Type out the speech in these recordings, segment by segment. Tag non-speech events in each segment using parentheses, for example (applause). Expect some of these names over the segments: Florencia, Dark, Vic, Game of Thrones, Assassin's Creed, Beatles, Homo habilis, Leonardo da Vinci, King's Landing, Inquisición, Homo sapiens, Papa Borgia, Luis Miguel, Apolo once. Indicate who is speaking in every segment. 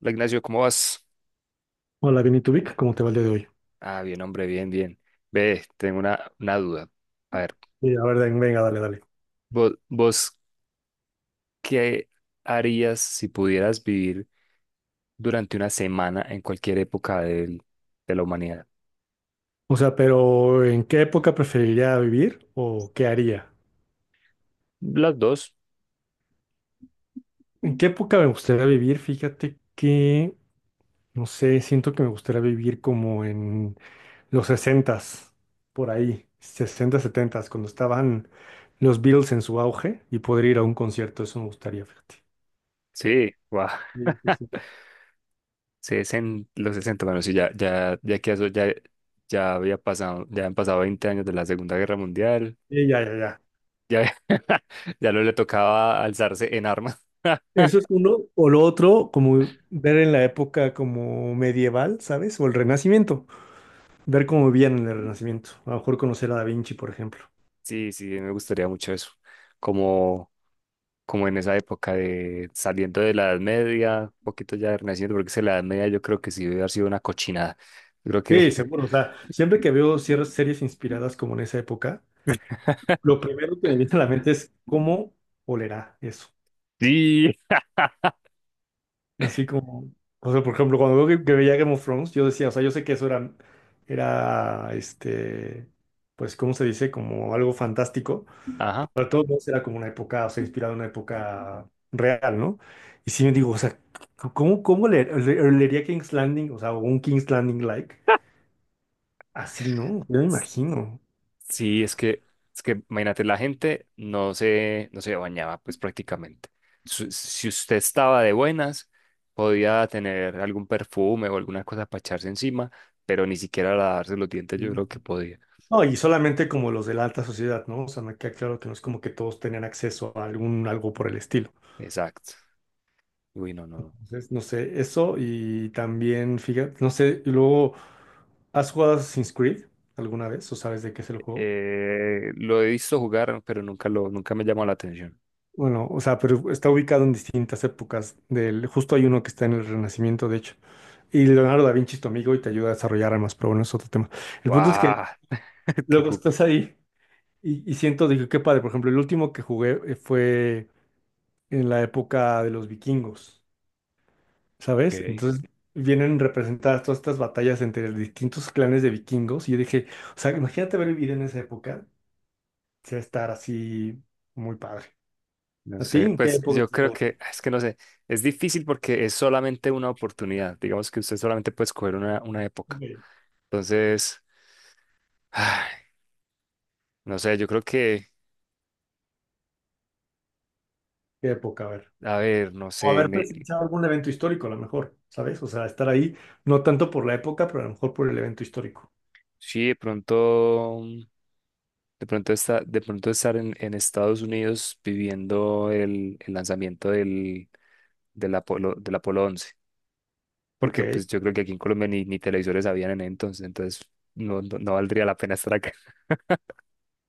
Speaker 1: Hola, Ignacio, ¿cómo vas?
Speaker 2: Hola, Vic, ¿cómo te va el día de hoy?
Speaker 1: Ah, bien, hombre, bien, bien. Ve, tengo una duda. A ver,
Speaker 2: Venga, dale, dale.
Speaker 1: vos, ¿qué harías si pudieras vivir durante una semana en cualquier época de la humanidad?
Speaker 2: O sea, pero ¿en qué época preferiría vivir o qué haría?
Speaker 1: Las dos.
Speaker 2: ¿En qué época me gustaría vivir? Fíjate que, no sé, siento que me gustaría vivir como en los sesentas, por ahí, 60, 70, cuando estaban los Beatles en su auge y poder ir a un concierto. Eso me gustaría, fíjate.
Speaker 1: Sí, guau.
Speaker 2: Sí, sí, sí.
Speaker 1: Los 60, bueno, sí, ya, ya, ya que eso ya había pasado, ya han pasado 20 años de la Segunda Guerra Mundial,
Speaker 2: Sí, ya, ya, ya.
Speaker 1: ya, (laughs) ya no le tocaba alzarse en armas. (laughs)
Speaker 2: Eso es uno. O lo otro, como ver en la época como medieval, ¿sabes? O el Renacimiento. Ver cómo vivían en el Renacimiento. A lo mejor conocer a Da Vinci, por ejemplo.
Speaker 1: Sí, sí, me gustaría mucho eso. Como como en esa época de saliendo de la Edad Media, un poquito ya Renacimiento, porque es que la Edad Media yo creo que sí debe haber sido una cochinada. Yo creo que
Speaker 2: Sí, seguro. O sea, siempre que veo ciertas series inspiradas como en esa época, lo primero que me viene a la mente es cómo olerá eso.
Speaker 1: (laughs) sí,
Speaker 2: Así como, o sea, por ejemplo, cuando veo que veía Game of Thrones, yo decía, o sea, yo sé que eso era, pues, ¿cómo se dice? Como algo fantástico.
Speaker 1: ajá.
Speaker 2: Pero de todos modos era como una época, o sea, inspirada en una época real, ¿no? Y sí me digo, o sea, ¿cómo, leería King's Landing? O sea, o un King's Landing like. Así, ¿no? Yo me imagino.
Speaker 1: Sí, es que imagínate, la gente no se bañaba, pues prácticamente. Si usted estaba de buenas, podía tener algún perfume o alguna cosa para echarse encima, pero ni siquiera lavarse los dientes yo creo que podía.
Speaker 2: No, y solamente como los de la alta sociedad, ¿no? O sea, me queda claro que no es como que todos tenían acceso a algún algo por el estilo.
Speaker 1: Exacto. Uy, no, no. No.
Speaker 2: Entonces, no sé, eso y también, fíjate, no sé, y luego, ¿has jugado Assassin's Creed alguna vez o sabes de qué es el juego?
Speaker 1: Lo he visto jugar, pero nunca me llamó la atención.
Speaker 2: Bueno, o sea, pero está ubicado en distintas épocas del, justo hay uno que está en el Renacimiento, de hecho. Y Leonardo da Vinci es tu amigo y te ayuda a desarrollar armas, pero bueno, es otro tema. El punto es
Speaker 1: ¡Guau!
Speaker 2: que
Speaker 1: (laughs) ¡Qué
Speaker 2: luego
Speaker 1: cuca!
Speaker 2: estás ahí. Y siento, dije, qué padre. Por ejemplo, el último que jugué fue en la época de los vikingos, ¿sabes?
Speaker 1: Ok.
Speaker 2: Entonces vienen representadas todas estas batallas entre distintos clanes de vikingos. Y yo dije, o sea, imagínate haber vivido en esa época. Sí, estar así muy padre.
Speaker 1: No
Speaker 2: ¿A ti?
Speaker 1: sé,
Speaker 2: ¿En qué
Speaker 1: pues
Speaker 2: época?
Speaker 1: es que no sé, es difícil porque es solamente una oportunidad. Digamos que usted solamente puede escoger una época.
Speaker 2: ¿Qué
Speaker 1: Entonces, ay, no sé, yo creo que,
Speaker 2: época? A ver.
Speaker 1: a ver, no
Speaker 2: O
Speaker 1: sé,
Speaker 2: haber
Speaker 1: me,
Speaker 2: presenciado algún evento histórico, a lo mejor, ¿sabes? O sea, estar ahí, no tanto por la época, pero a lo mejor por el evento histórico.
Speaker 1: sí, de pronto, de pronto estar en Estados Unidos viviendo el lanzamiento del Apolo, del Apolo 11, porque
Speaker 2: Ok.
Speaker 1: pues yo creo que aquí en Colombia ni, ni televisores habían en ese entonces, entonces no, no, no valdría la pena estar acá.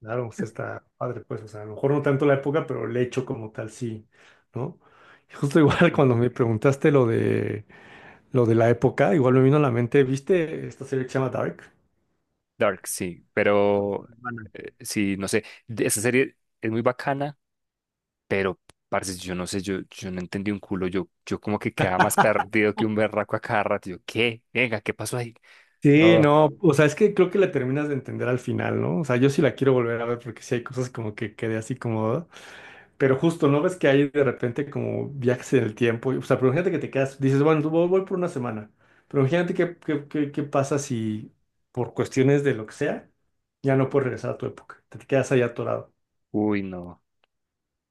Speaker 2: Claro, pues está padre, pues, o sea, a lo mejor no tanto la época, pero el hecho como tal sí, ¿no? Y justo igual (laughs) cuando me preguntaste lo de la época, igual me vino a la mente, ¿viste esta serie que se llama Dark?
Speaker 1: Dark, sí, pero
Speaker 2: Bueno,
Speaker 1: sí, no sé, esa serie es muy bacana, pero parce, yo no sé, yo no entendí un culo, yo como que quedaba más perdido que un berraco a cada rato, yo, ¿qué? Venga, ¿qué pasó ahí?
Speaker 2: sí,
Speaker 1: No,
Speaker 2: no, o sea, es que creo que la terminas de entender al final, ¿no? O sea, yo sí la quiero volver a ver porque sí hay cosas como que quedé así como... "Ah". Pero justo, ¿no ves que hay de repente como viajes en el tiempo? O sea, pero imagínate que te quedas, dices, bueno, tú voy por una semana, pero imagínate qué pasa si por cuestiones de lo que sea, ya no puedes regresar a tu época, te quedas ahí atorado.
Speaker 1: uy, no,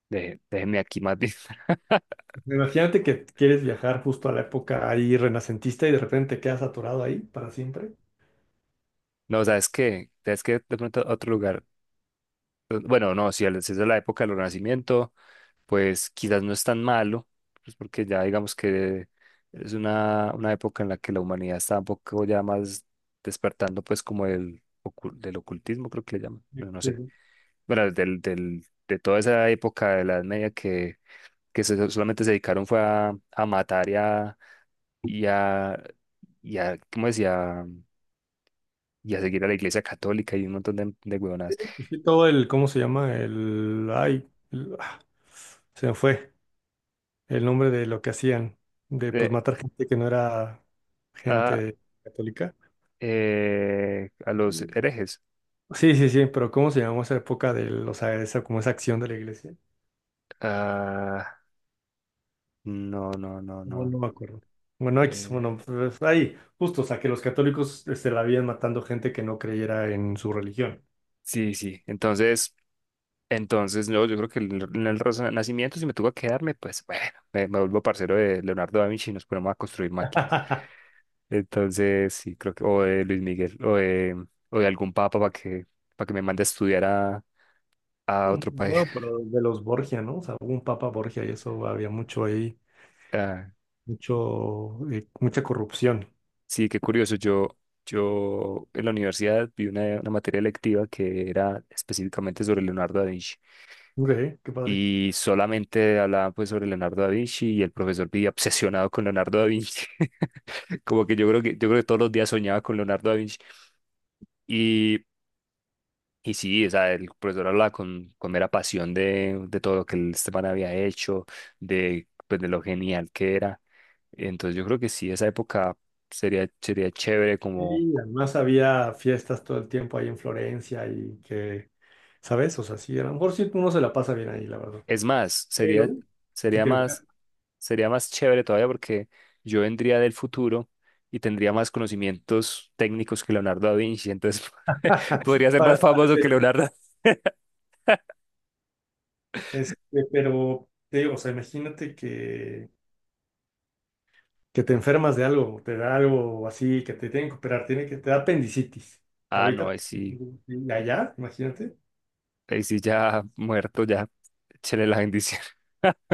Speaker 1: déjeme aquí más bien. (laughs)
Speaker 2: Imagínate que quieres viajar justo a la época ahí renacentista y de repente te quedas atorado ahí para siempre.
Speaker 1: No, ¿sabes qué? ¿Sabes qué? De pronto otro lugar pues, bueno, no, si es de la época del Renacimiento, pues quizás no es tan malo, pues porque ya digamos que es una época en la que la humanidad está un poco ya más despertando, pues como del ocultismo, creo que le llaman,
Speaker 2: Sí,
Speaker 1: bueno, no
Speaker 2: sí,
Speaker 1: sé.
Speaker 2: sí.
Speaker 1: Bueno, de toda esa época de la Edad Media que, solamente se dedicaron fue a matar y a, y a, ¿cómo decía? Y a seguir a la Iglesia Católica y un montón de huevonadas.
Speaker 2: Pues sí, todo el, ¿cómo se llama? El, ay, el- ah, Se me fue el nombre de lo que hacían, de pues
Speaker 1: Eh,
Speaker 2: matar gente que no era
Speaker 1: ah,
Speaker 2: gente católica.
Speaker 1: a los
Speaker 2: Mm.
Speaker 1: herejes.
Speaker 2: Sí, sí, sí, pero ¿cómo se llamó esa época, o sea, esa, como esa acción de la iglesia?
Speaker 1: Ah, no, no, no,
Speaker 2: No,
Speaker 1: no.
Speaker 2: no me acuerdo. Bueno, X,
Speaker 1: Eh,
Speaker 2: bueno, pues, ahí, justo, o sea, que los católicos se la habían matando gente que no creyera en su religión.
Speaker 1: sí, sí. Entonces, no, yo creo que en el Renacimiento, si me tuvo que quedarme, pues bueno, me vuelvo parcero de Leonardo da Vinci y nos ponemos a construir máquinas.
Speaker 2: (laughs)
Speaker 1: Entonces, sí, creo que, o de Luis Miguel, o de algún papa para que me mande a estudiar a otro país.
Speaker 2: Bueno, pero de los Borgia, ¿no? O sea, hubo un Papa Borgia y eso había mucho ahí,
Speaker 1: (laughs)
Speaker 2: mucho, mucha corrupción.
Speaker 1: Sí, qué curioso. Yo en la universidad vi una materia electiva que era específicamente sobre Leonardo da Vinci
Speaker 2: Ok, qué padre.
Speaker 1: y solamente hablaban pues sobre Leonardo da Vinci y el profesor vivía obsesionado con Leonardo da Vinci. (laughs) Como que yo creo que todos los días soñaba con Leonardo da Vinci y y sí, o sea, el profesor hablaba con mera pasión de todo lo que el Esteban había hecho, de pues de lo genial que era. Entonces yo creo que sí, esa época sería chévere como.
Speaker 2: Y además había fiestas todo el tiempo ahí en Florencia y que, ¿sabes? O sea, sí, a lo mejor sí uno se la pasa bien ahí, la verdad.
Speaker 1: Es más,
Speaker 2: Pero, sí
Speaker 1: sería
Speaker 2: te
Speaker 1: más, sería más chévere todavía porque yo vendría del futuro y tendría más conocimientos técnicos que Leonardo da Vinci, entonces (laughs) podría
Speaker 2: (laughs)
Speaker 1: ser más
Speaker 2: para
Speaker 1: famoso que
Speaker 2: ser,
Speaker 1: Leonardo.
Speaker 2: este, pero te digo, o sea, imagínate que te enfermas de algo, te da algo así, que te tienen que operar, tiene que, te da apendicitis. Que
Speaker 1: Ah, no,
Speaker 2: ahorita, y allá, imagínate.
Speaker 1: ahí sí ya muerto, ya, échale la bendición. (laughs)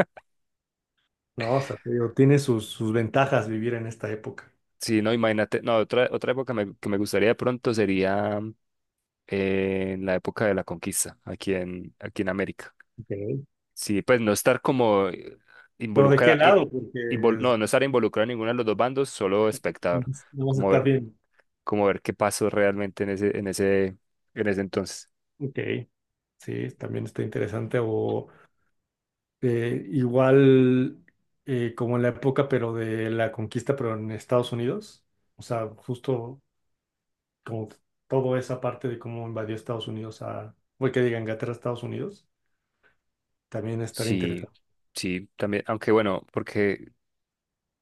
Speaker 2: No, o sea, te digo, tiene sus, sus ventajas vivir en esta época.
Speaker 1: Sí, no, imagínate, no, otra, que me gustaría de pronto sería en la época de la conquista, aquí en América.
Speaker 2: Ok.
Speaker 1: Sí, pues no estar como
Speaker 2: Pero ¿de qué
Speaker 1: involucrado,
Speaker 2: lado? Porque
Speaker 1: no, no estar involucrado en ninguno de los dos bandos, solo espectador,
Speaker 2: es- no vas a
Speaker 1: como
Speaker 2: estar
Speaker 1: ver,
Speaker 2: bien.
Speaker 1: como ver qué pasó realmente en ese, en ese, en ese entonces.
Speaker 2: Ok, sí, también está interesante. O igual Como en la época, pero de la conquista, pero en Estados Unidos. O sea, justo como toda esa parte de cómo invadió Estados Unidos a, voy que diga Inglaterra, a Estados Unidos, también estar
Speaker 1: Sí,
Speaker 2: interesante.
Speaker 1: sí, también, aunque bueno, porque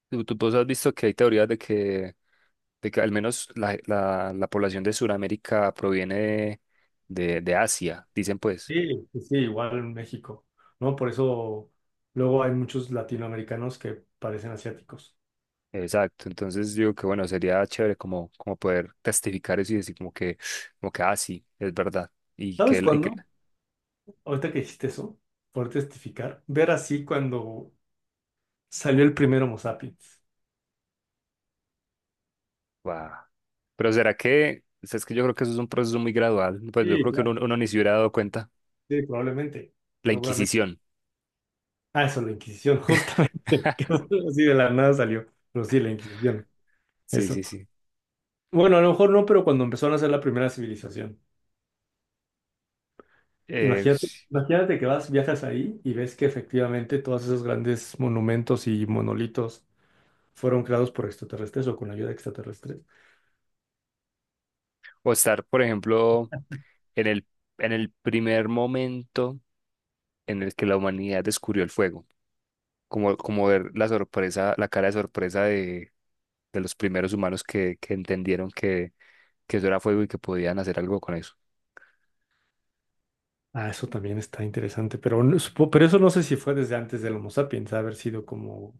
Speaker 1: tú vos has visto que hay teorías de que al menos la población de Sudamérica proviene de Asia, dicen pues.
Speaker 2: Sí, sí, sí, igual en México, ¿no? Por eso luego hay muchos latinoamericanos que parecen asiáticos.
Speaker 1: Exacto, entonces digo que bueno, sería chévere como, como poder testificar eso y decir como que, ah, sí, es verdad,
Speaker 2: ¿Sabes
Speaker 1: y que,
Speaker 2: cuándo? Ahorita que dijiste eso, por testificar, ver así cuando salió el primer Homo sapiens.
Speaker 1: wow. Pero será que, o sea, es que yo creo que eso es un proceso muy gradual, pues yo
Speaker 2: Sí,
Speaker 1: creo que uno,
Speaker 2: claro.
Speaker 1: uno ni se hubiera dado cuenta,
Speaker 2: Sí, probablemente,
Speaker 1: la
Speaker 2: seguramente.
Speaker 1: Inquisición,
Speaker 2: Ah, eso, la Inquisición, justamente. (laughs) Que
Speaker 1: (laughs)
Speaker 2: así de la nada salió. Pero sí, la Inquisición.
Speaker 1: sí,
Speaker 2: Eso.
Speaker 1: sí, sí.
Speaker 2: Bueno, a lo mejor no, pero cuando empezaron a hacer la primera civilización. Imagínate,
Speaker 1: Sí.
Speaker 2: imagínate que vas, viajas ahí y ves que efectivamente todos esos grandes monumentos y monolitos fueron creados por extraterrestres o con ayuda extraterrestre.
Speaker 1: O estar, por ejemplo, en el, en el primer momento en el que la humanidad descubrió el fuego, como ver la sorpresa, la cara de sorpresa de los primeros humanos que entendieron que yo era fuego y que podían hacer algo con eso.
Speaker 2: Ah, eso también está interesante. Pero, no- supo- pero eso no sé si fue desde antes del Homo sapiens, haber sido como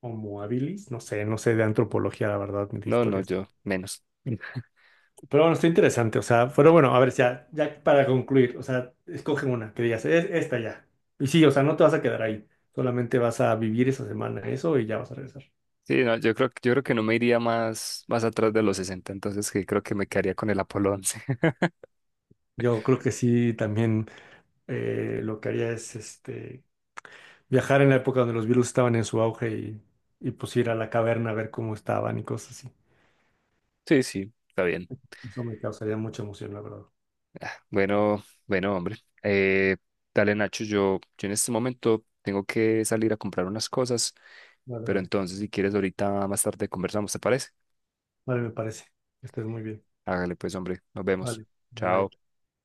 Speaker 2: Homo habilis. No sé, no sé de antropología, la verdad, ni de
Speaker 1: No, no,
Speaker 2: historia.
Speaker 1: yo menos.
Speaker 2: Pero bueno, está interesante. O sea, pero bueno, a ver, ya, ya para concluir, o sea, escoge una que digas, es esta ya. Y sí, o sea, no te vas a quedar ahí. Solamente vas a vivir esa semana eso y ya vas a regresar.
Speaker 1: Sí, no, yo creo que no me iría más atrás de los 60 entonces que creo que me quedaría con el Apolo 11. (laughs)
Speaker 2: Yo creo que sí, también lo que haría es viajar en la época donde los virus estaban en su auge y pues ir a la caverna a ver cómo estaban y cosas así.
Speaker 1: Sí, sí, está bien.
Speaker 2: Eso me causaría mucha emoción, la verdad.
Speaker 1: Bueno, bueno, hombre. Eh, dale, Nacho, yo en este momento tengo que salir a comprar unas cosas,
Speaker 2: Vale,
Speaker 1: pero
Speaker 2: vale.
Speaker 1: entonces si quieres ahorita más tarde conversamos, ¿te parece?
Speaker 2: Vale, me parece. Que estés muy bien.
Speaker 1: Hágale pues, hombre, nos vemos.
Speaker 2: Vale, bye bye.
Speaker 1: Chao.